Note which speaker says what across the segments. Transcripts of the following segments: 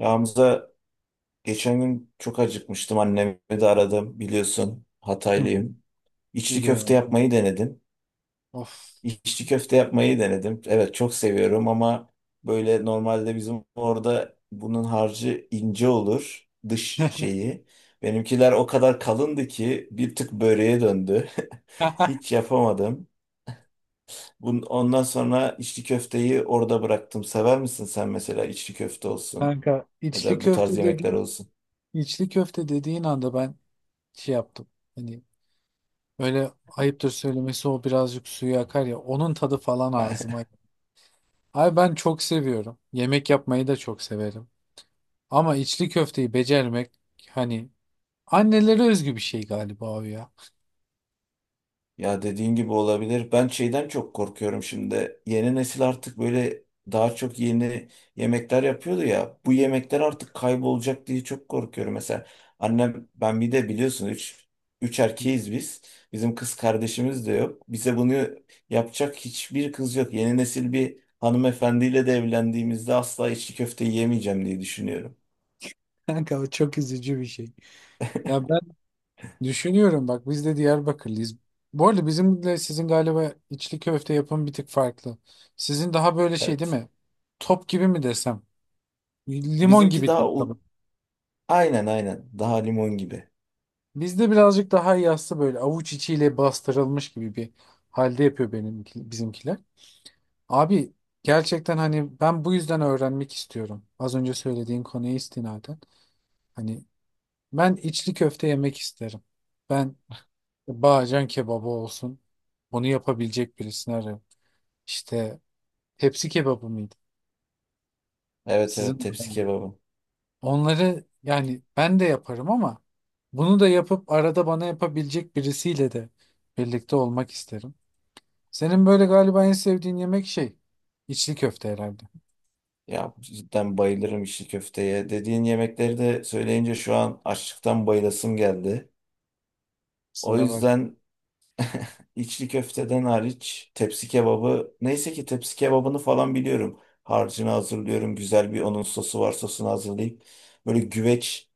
Speaker 1: Ramza geçen gün çok acıkmıştım. Annemi de aradım biliyorsun.
Speaker 2: Hı hı.
Speaker 1: Hataylıyım. İçli köfte
Speaker 2: Biliyorum.
Speaker 1: yapmayı denedim.
Speaker 2: Of.
Speaker 1: İçli köfte yapmayı denedim. Evet çok seviyorum ama böyle normalde bizim orada bunun harcı ince olur. Dış şeyi. Benimkiler o kadar kalındı ki bir tık böreğe döndü. Hiç yapamadım. Ondan sonra içli köfteyi orada bıraktım. Sever misin sen mesela içli köfte olsun
Speaker 2: Kanka
Speaker 1: ya da bu tarz yemekler olsun?
Speaker 2: içli köfte dediğin anda ben şey yaptım. Hani böyle ayıptır söylemesi o birazcık suyu akar ya, onun tadı falan ağzıma. Ay ben çok seviyorum. Yemek yapmayı da çok severim. Ama içli köfteyi becermek hani annelere özgü bir şey galiba o ya.
Speaker 1: Ya dediğin gibi olabilir. Ben şeyden çok korkuyorum şimdi. Yeni nesil artık böyle daha çok yeni yemekler yapıyordu ya. Bu yemekler artık kaybolacak diye çok korkuyorum. Mesela annem ben bir de biliyorsun üç erkeğiz biz. Bizim kız kardeşimiz de yok. Bize bunu yapacak hiçbir kız yok. Yeni nesil bir hanımefendiyle de evlendiğimizde asla içli köfte yemeyeceğim diye düşünüyorum.
Speaker 2: Kanka o çok üzücü bir şey. Ya ben düşünüyorum bak, biz de Diyarbakırlıyız. Bu arada bizimle sizin galiba içli köfte yapımı bir tık farklı. Sizin daha böyle şey değil
Speaker 1: Evet.
Speaker 2: mi? Top gibi mi desem? Limon
Speaker 1: Bizimki
Speaker 2: gibi
Speaker 1: daha
Speaker 2: diyeyim tabii.
Speaker 1: u- aynen, aynen, daha limon gibi.
Speaker 2: Bizde birazcık daha yassı, böyle avuç içiyle bastırılmış gibi bir halde yapıyor benim bizimkiler. Abi gerçekten hani ben bu yüzden öğrenmek istiyorum. Az önce söylediğin konuya istinaden. Hani ben içli köfte yemek isterim. Ben Bağcan kebabı olsun. Bunu yapabilecek birisini arıyorum. İşte, tepsi kebabı mıydı?
Speaker 1: Evet, evet,
Speaker 2: Sizin orada
Speaker 1: tepsi
Speaker 2: mı?
Speaker 1: kebabı.
Speaker 2: Onları yani ben de yaparım ama bunu da yapıp arada bana yapabilecek birisiyle de birlikte olmak isterim. Senin böyle galiba en sevdiğin yemek şey, içli köfte herhalde.
Speaker 1: Ya cidden bayılırım içli köfteye. Dediğin yemekleri de söyleyince şu an açlıktan bayılasım geldi. O
Speaker 2: Sıra bak.
Speaker 1: yüzden içli köfteden hariç tepsi kebabı neyse ki tepsi kebabını falan biliyorum. Harcını hazırlıyorum. Güzel bir onun sosu var, sosunu hazırlayıp böyle güveç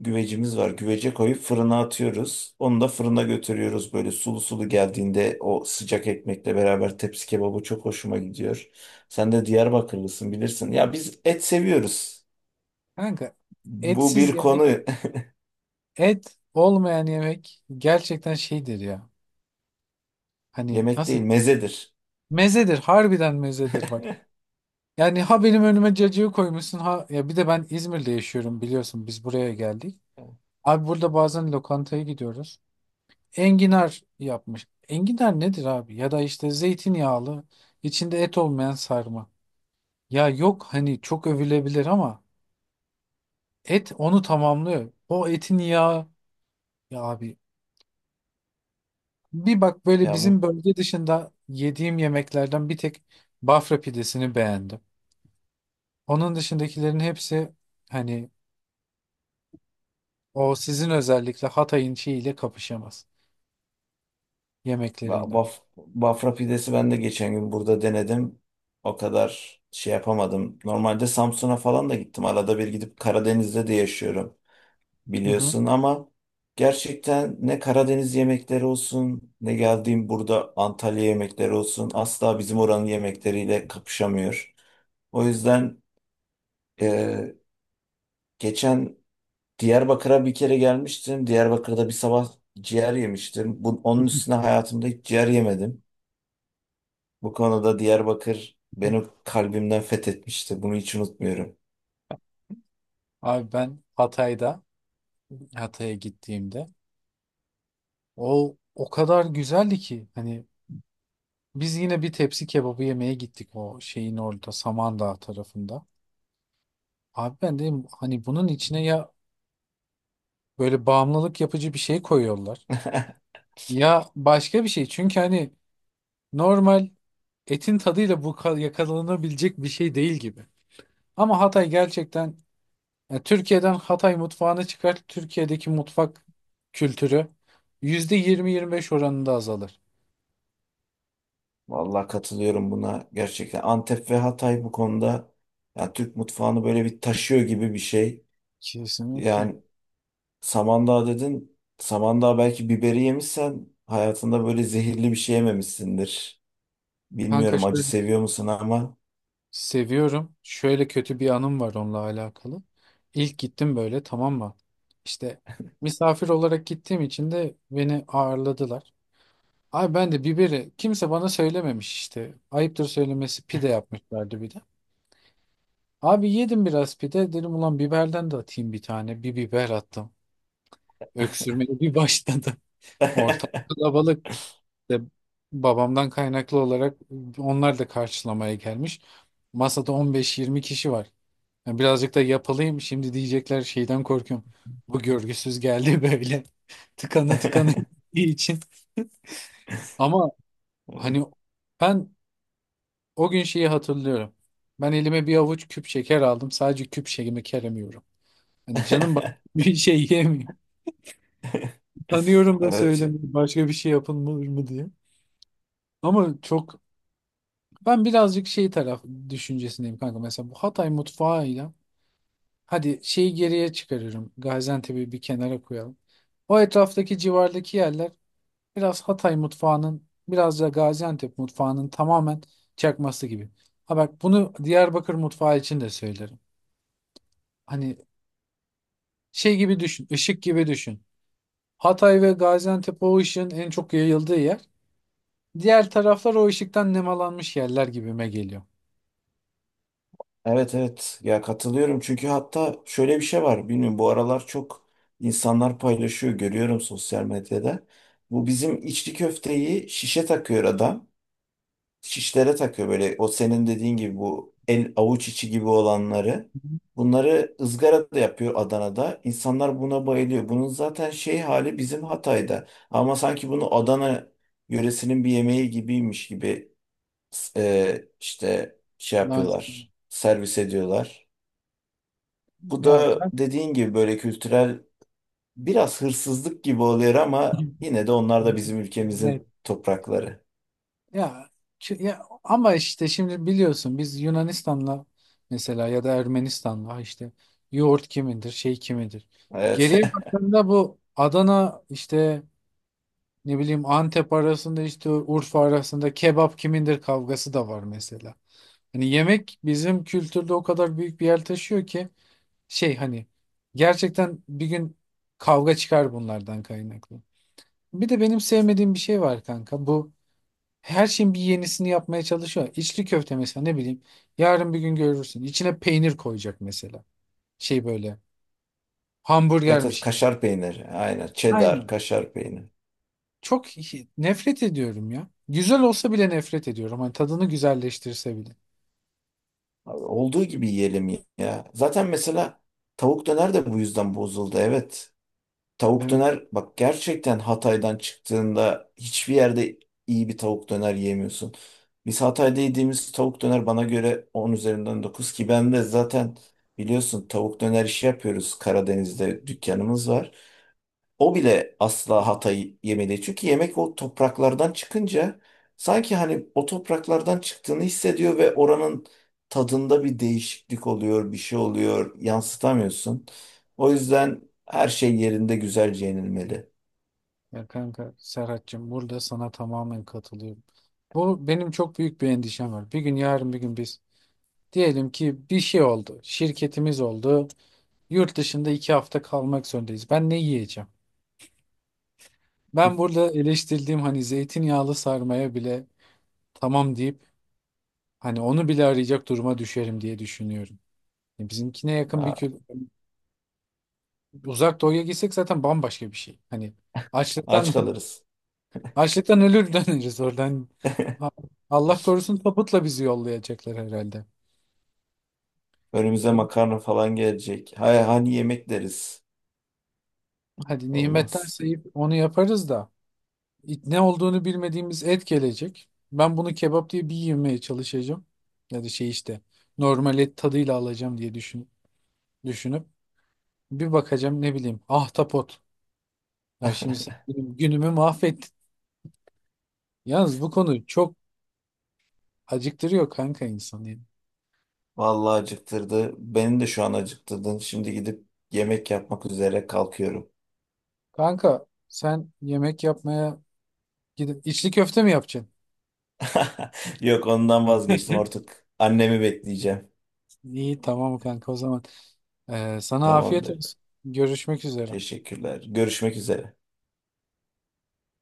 Speaker 1: güvecimiz var. Güvece koyup fırına atıyoruz. Onu da fırına götürüyoruz. Böyle sulu sulu geldiğinde o sıcak ekmekle beraber tepsi kebabı çok hoşuma gidiyor. Sen de Diyarbakırlısın, bilirsin. Ya biz et seviyoruz.
Speaker 2: Kanka
Speaker 1: Bu
Speaker 2: etsiz
Speaker 1: bir
Speaker 2: yemek,
Speaker 1: konu.
Speaker 2: et olmayan yemek gerçekten şeydir ya. Hani
Speaker 1: Yemek
Speaker 2: nasıl
Speaker 1: değil, mezedir.
Speaker 2: mezedir, harbiden mezedir bak. Yani ha benim önüme cacığı koymuşsun ha, ya bir de ben İzmir'de yaşıyorum, biliyorsun biz buraya geldik. Abi burada bazen lokantaya gidiyoruz. Enginar yapmış. Enginar nedir abi? Ya da işte zeytinyağlı, içinde et olmayan sarma. Ya yok hani çok övülebilir ama et onu tamamlıyor. O etin yağı ya abi, bir bak böyle
Speaker 1: Ya
Speaker 2: bizim
Speaker 1: bu
Speaker 2: bölge dışında yediğim yemeklerden bir tek Bafra pidesini beğendim. Onun dışındakilerin hepsi hani o sizin özellikle Hatay'ın şeyiyle kapışamaz. Yemekleriyle.
Speaker 1: bafra pidesi ben de geçen gün burada denedim. O kadar şey yapamadım. Normalde Samsun'a falan da gittim. Arada bir gidip Karadeniz'de de yaşıyorum
Speaker 2: Hı hı.
Speaker 1: biliyorsun ama gerçekten ne Karadeniz yemekleri olsun, ne geldiğim burada Antalya yemekleri olsun asla bizim oranın yemekleriyle kapışamıyor. O yüzden e, geçen Diyarbakır'a bir kere gelmiştim. Diyarbakır'da bir sabah ciğer yemiştim. Onun üstüne hayatımda hiç ciğer yemedim. Bu konuda Diyarbakır beni kalbimden fethetmişti. Bunu hiç unutmuyorum.
Speaker 2: Abi ben Hatay'a gittiğimde o kadar güzeldi ki hani biz yine bir tepsi kebabı yemeye gittik o şeyin orada, Samandağ tarafında. Abi ben dedim hani bunun içine ya böyle bağımlılık yapıcı bir şey koyuyorlar ya başka bir şey. Çünkü hani normal etin tadıyla yakalanabilecek bir şey değil gibi. Ama Hatay gerçekten. Yani Türkiye'den Hatay mutfağını çıkar, Türkiye'deki mutfak kültürü %20-25 oranında azalır.
Speaker 1: Vallahi katılıyorum buna, gerçekten. Antep ve Hatay bu konuda, yani Türk mutfağını böyle bir taşıyor gibi bir şey. Yani
Speaker 2: Kesinlikle.
Speaker 1: Samandağ dedin. Samandağ belki biberi yemişsen hayatında böyle zehirli bir şey yememişsindir.
Speaker 2: Kanka
Speaker 1: Bilmiyorum acı
Speaker 2: şöyle
Speaker 1: seviyor musun ama.
Speaker 2: seviyorum. Şöyle kötü bir anım var onunla alakalı. İlk gittim böyle, tamam mı? İşte misafir olarak gittiğim için de beni ağırladılar. Ay ben de, biberi kimse bana söylememiş işte. Ayıptır söylemesi pide yapmışlardı bir de. Abi yedim biraz pide, dedim ulan biberden de atayım bir tane. Bir biber attım. Öksürmeye bir başladı. Ortalık kalabalık. De babamdan kaynaklı olarak onlar da karşılamaya gelmiş. Masada 15-20 kişi var. Yani birazcık da yapılayım, şimdi diyecekler şeyden korkuyorum. Bu görgüsüz geldi böyle. Tıkanı tıkanı gittiği için. Ama hani ben o gün şeyi hatırlıyorum. Ben elime bir avuç küp şeker aldım. Sadece küp şekerimi keremiyorum. Yani canım bak bir şey yemiyor. Tanıyorum da
Speaker 1: Evet,
Speaker 2: söylemiyorum, başka bir şey yapılır mı diye. Ama çok Ben birazcık şey, taraf düşüncesindeyim kanka. Mesela bu Hatay mutfağıyla hadi şeyi geriye çıkarırım. Gaziantep'i bir kenara koyalım. O etraftaki, civardaki yerler biraz Hatay mutfağının, biraz da Gaziantep mutfağının tamamen çakması gibi. Ha bak, bunu Diyarbakır mutfağı için de söylerim. Hani şey gibi düşün, ışık gibi düşün. Hatay ve Gaziantep o ışığın en çok yayıldığı yer. Diğer taraflar o ışıktan nemalanmış yerler gibime geliyor.
Speaker 1: evet, evet. Ya katılıyorum çünkü hatta şöyle bir şey var. Bilmiyorum bu aralar çok insanlar paylaşıyor, görüyorum sosyal medyada. Bu bizim içli köfteyi şişe takıyor adam. Şişlere takıyor böyle, o senin dediğin gibi bu el avuç içi gibi olanları. Bunları ızgara da yapıyor Adana'da. İnsanlar buna bayılıyor. Bunun zaten şey hali bizim Hatay'da. Ama sanki bunu Adana yöresinin bir yemeği gibiymiş gibi işte şey
Speaker 2: Lan,
Speaker 1: yapıyorlar. Servis ediyorlar. Bu
Speaker 2: ya.
Speaker 1: da dediğin gibi böyle kültürel biraz hırsızlık gibi oluyor ama yine de onlar da bizim ülkemizin
Speaker 2: Evet.
Speaker 1: toprakları.
Speaker 2: Ya, ya ama işte şimdi biliyorsun biz Yunanistan'la mesela, ya da Ermenistan'la işte yoğurt kimindir, şey kimindir.
Speaker 1: Evet.
Speaker 2: Geriye baktığında bu Adana işte ne bileyim, Antep arasında işte Urfa arasında kebap kimindir kavgası da var mesela. Hani yemek bizim kültürde o kadar büyük bir yer taşıyor ki şey hani, gerçekten bir gün kavga çıkar bunlardan kaynaklı. Bir de benim sevmediğim bir şey var kanka. Bu her şeyin bir yenisini yapmaya çalışıyor. İçli köfte mesela, ne bileyim. Yarın bir gün görürsün. İçine peynir koyacak mesela. Şey böyle,
Speaker 1: Evet, evet,
Speaker 2: hamburgermiş gibi.
Speaker 1: kaşar peyniri. Aynen. Cheddar,
Speaker 2: Aynen.
Speaker 1: kaşar peyniri.
Speaker 2: Çok nefret ediyorum ya. Güzel olsa bile nefret ediyorum. Hani tadını güzelleştirse bile.
Speaker 1: Abi, olduğu gibi yiyelim ya. Zaten mesela tavuk döner de bu yüzden bozuldu. Evet. Tavuk
Speaker 2: Evet.
Speaker 1: döner bak, gerçekten Hatay'dan çıktığında hiçbir yerde iyi bir tavuk döner yiyemiyorsun. Biz Hatay'da yediğimiz tavuk döner bana göre 10 üzerinden 9, ki ben de zaten biliyorsun tavuk döner işi yapıyoruz. Karadeniz'de dükkanımız var. O bile asla hatayı yemedi. Çünkü yemek o topraklardan çıkınca sanki hani o topraklardan çıktığını hissediyor ve oranın tadında bir değişiklik oluyor, bir şey oluyor, yansıtamıyorsun. O yüzden her şey yerinde güzelce yenilmeli.
Speaker 2: Ya kanka Serhat'cığım, burada sana tamamen katılıyorum. Bu benim çok büyük bir endişem var. Bir gün Yarın bir gün biz diyelim ki bir şey oldu. Şirketimiz oldu. Yurt dışında 2 hafta kalmak zorundayız. Ben ne yiyeceğim? Ben burada eleştirdiğim hani zeytinyağlı sarmaya bile tamam deyip hani onu bile arayacak duruma düşerim diye düşünüyorum. Yani bizimkine yakın bir
Speaker 1: Ha,
Speaker 2: kül, uzak doğuya gitsek zaten bambaşka bir şey. Hani açlıktan
Speaker 1: aç kalırız.
Speaker 2: açlıktan ölür döneriz oradan. Ha- Allah korusun, tabutla bizi yollayacaklar herhalde.
Speaker 1: Önümüze makarna falan gelecek. Hay hani yemek deriz.
Speaker 2: Hadi nimetten
Speaker 1: Olmaz.
Speaker 2: sayıp onu yaparız da ne olduğunu bilmediğimiz et gelecek. Ben bunu kebap diye bir yemeye çalışacağım. Ya da şey işte normal et tadıyla alacağım diye düşünüp. Bir bakacağım, ne bileyim. Ahtapot. Ya şimdi sen benim günümü mahvettin. Yalnız bu konu çok acıktırıyor kanka insanı, yani.
Speaker 1: Vallahi acıktırdı. Beni de şu an acıktırdın. Şimdi gidip yemek yapmak üzere kalkıyorum.
Speaker 2: Kanka sen yemek yapmaya gidip içli köfte mi yapacaksın?
Speaker 1: Yok, ondan vazgeçtim artık. Annemi bekleyeceğim.
Speaker 2: İyi tamam kanka, o zaman. Sana afiyet
Speaker 1: Tamamdır.
Speaker 2: olsun. Görüşmek üzere.
Speaker 1: Teşekkürler. Görüşmek üzere.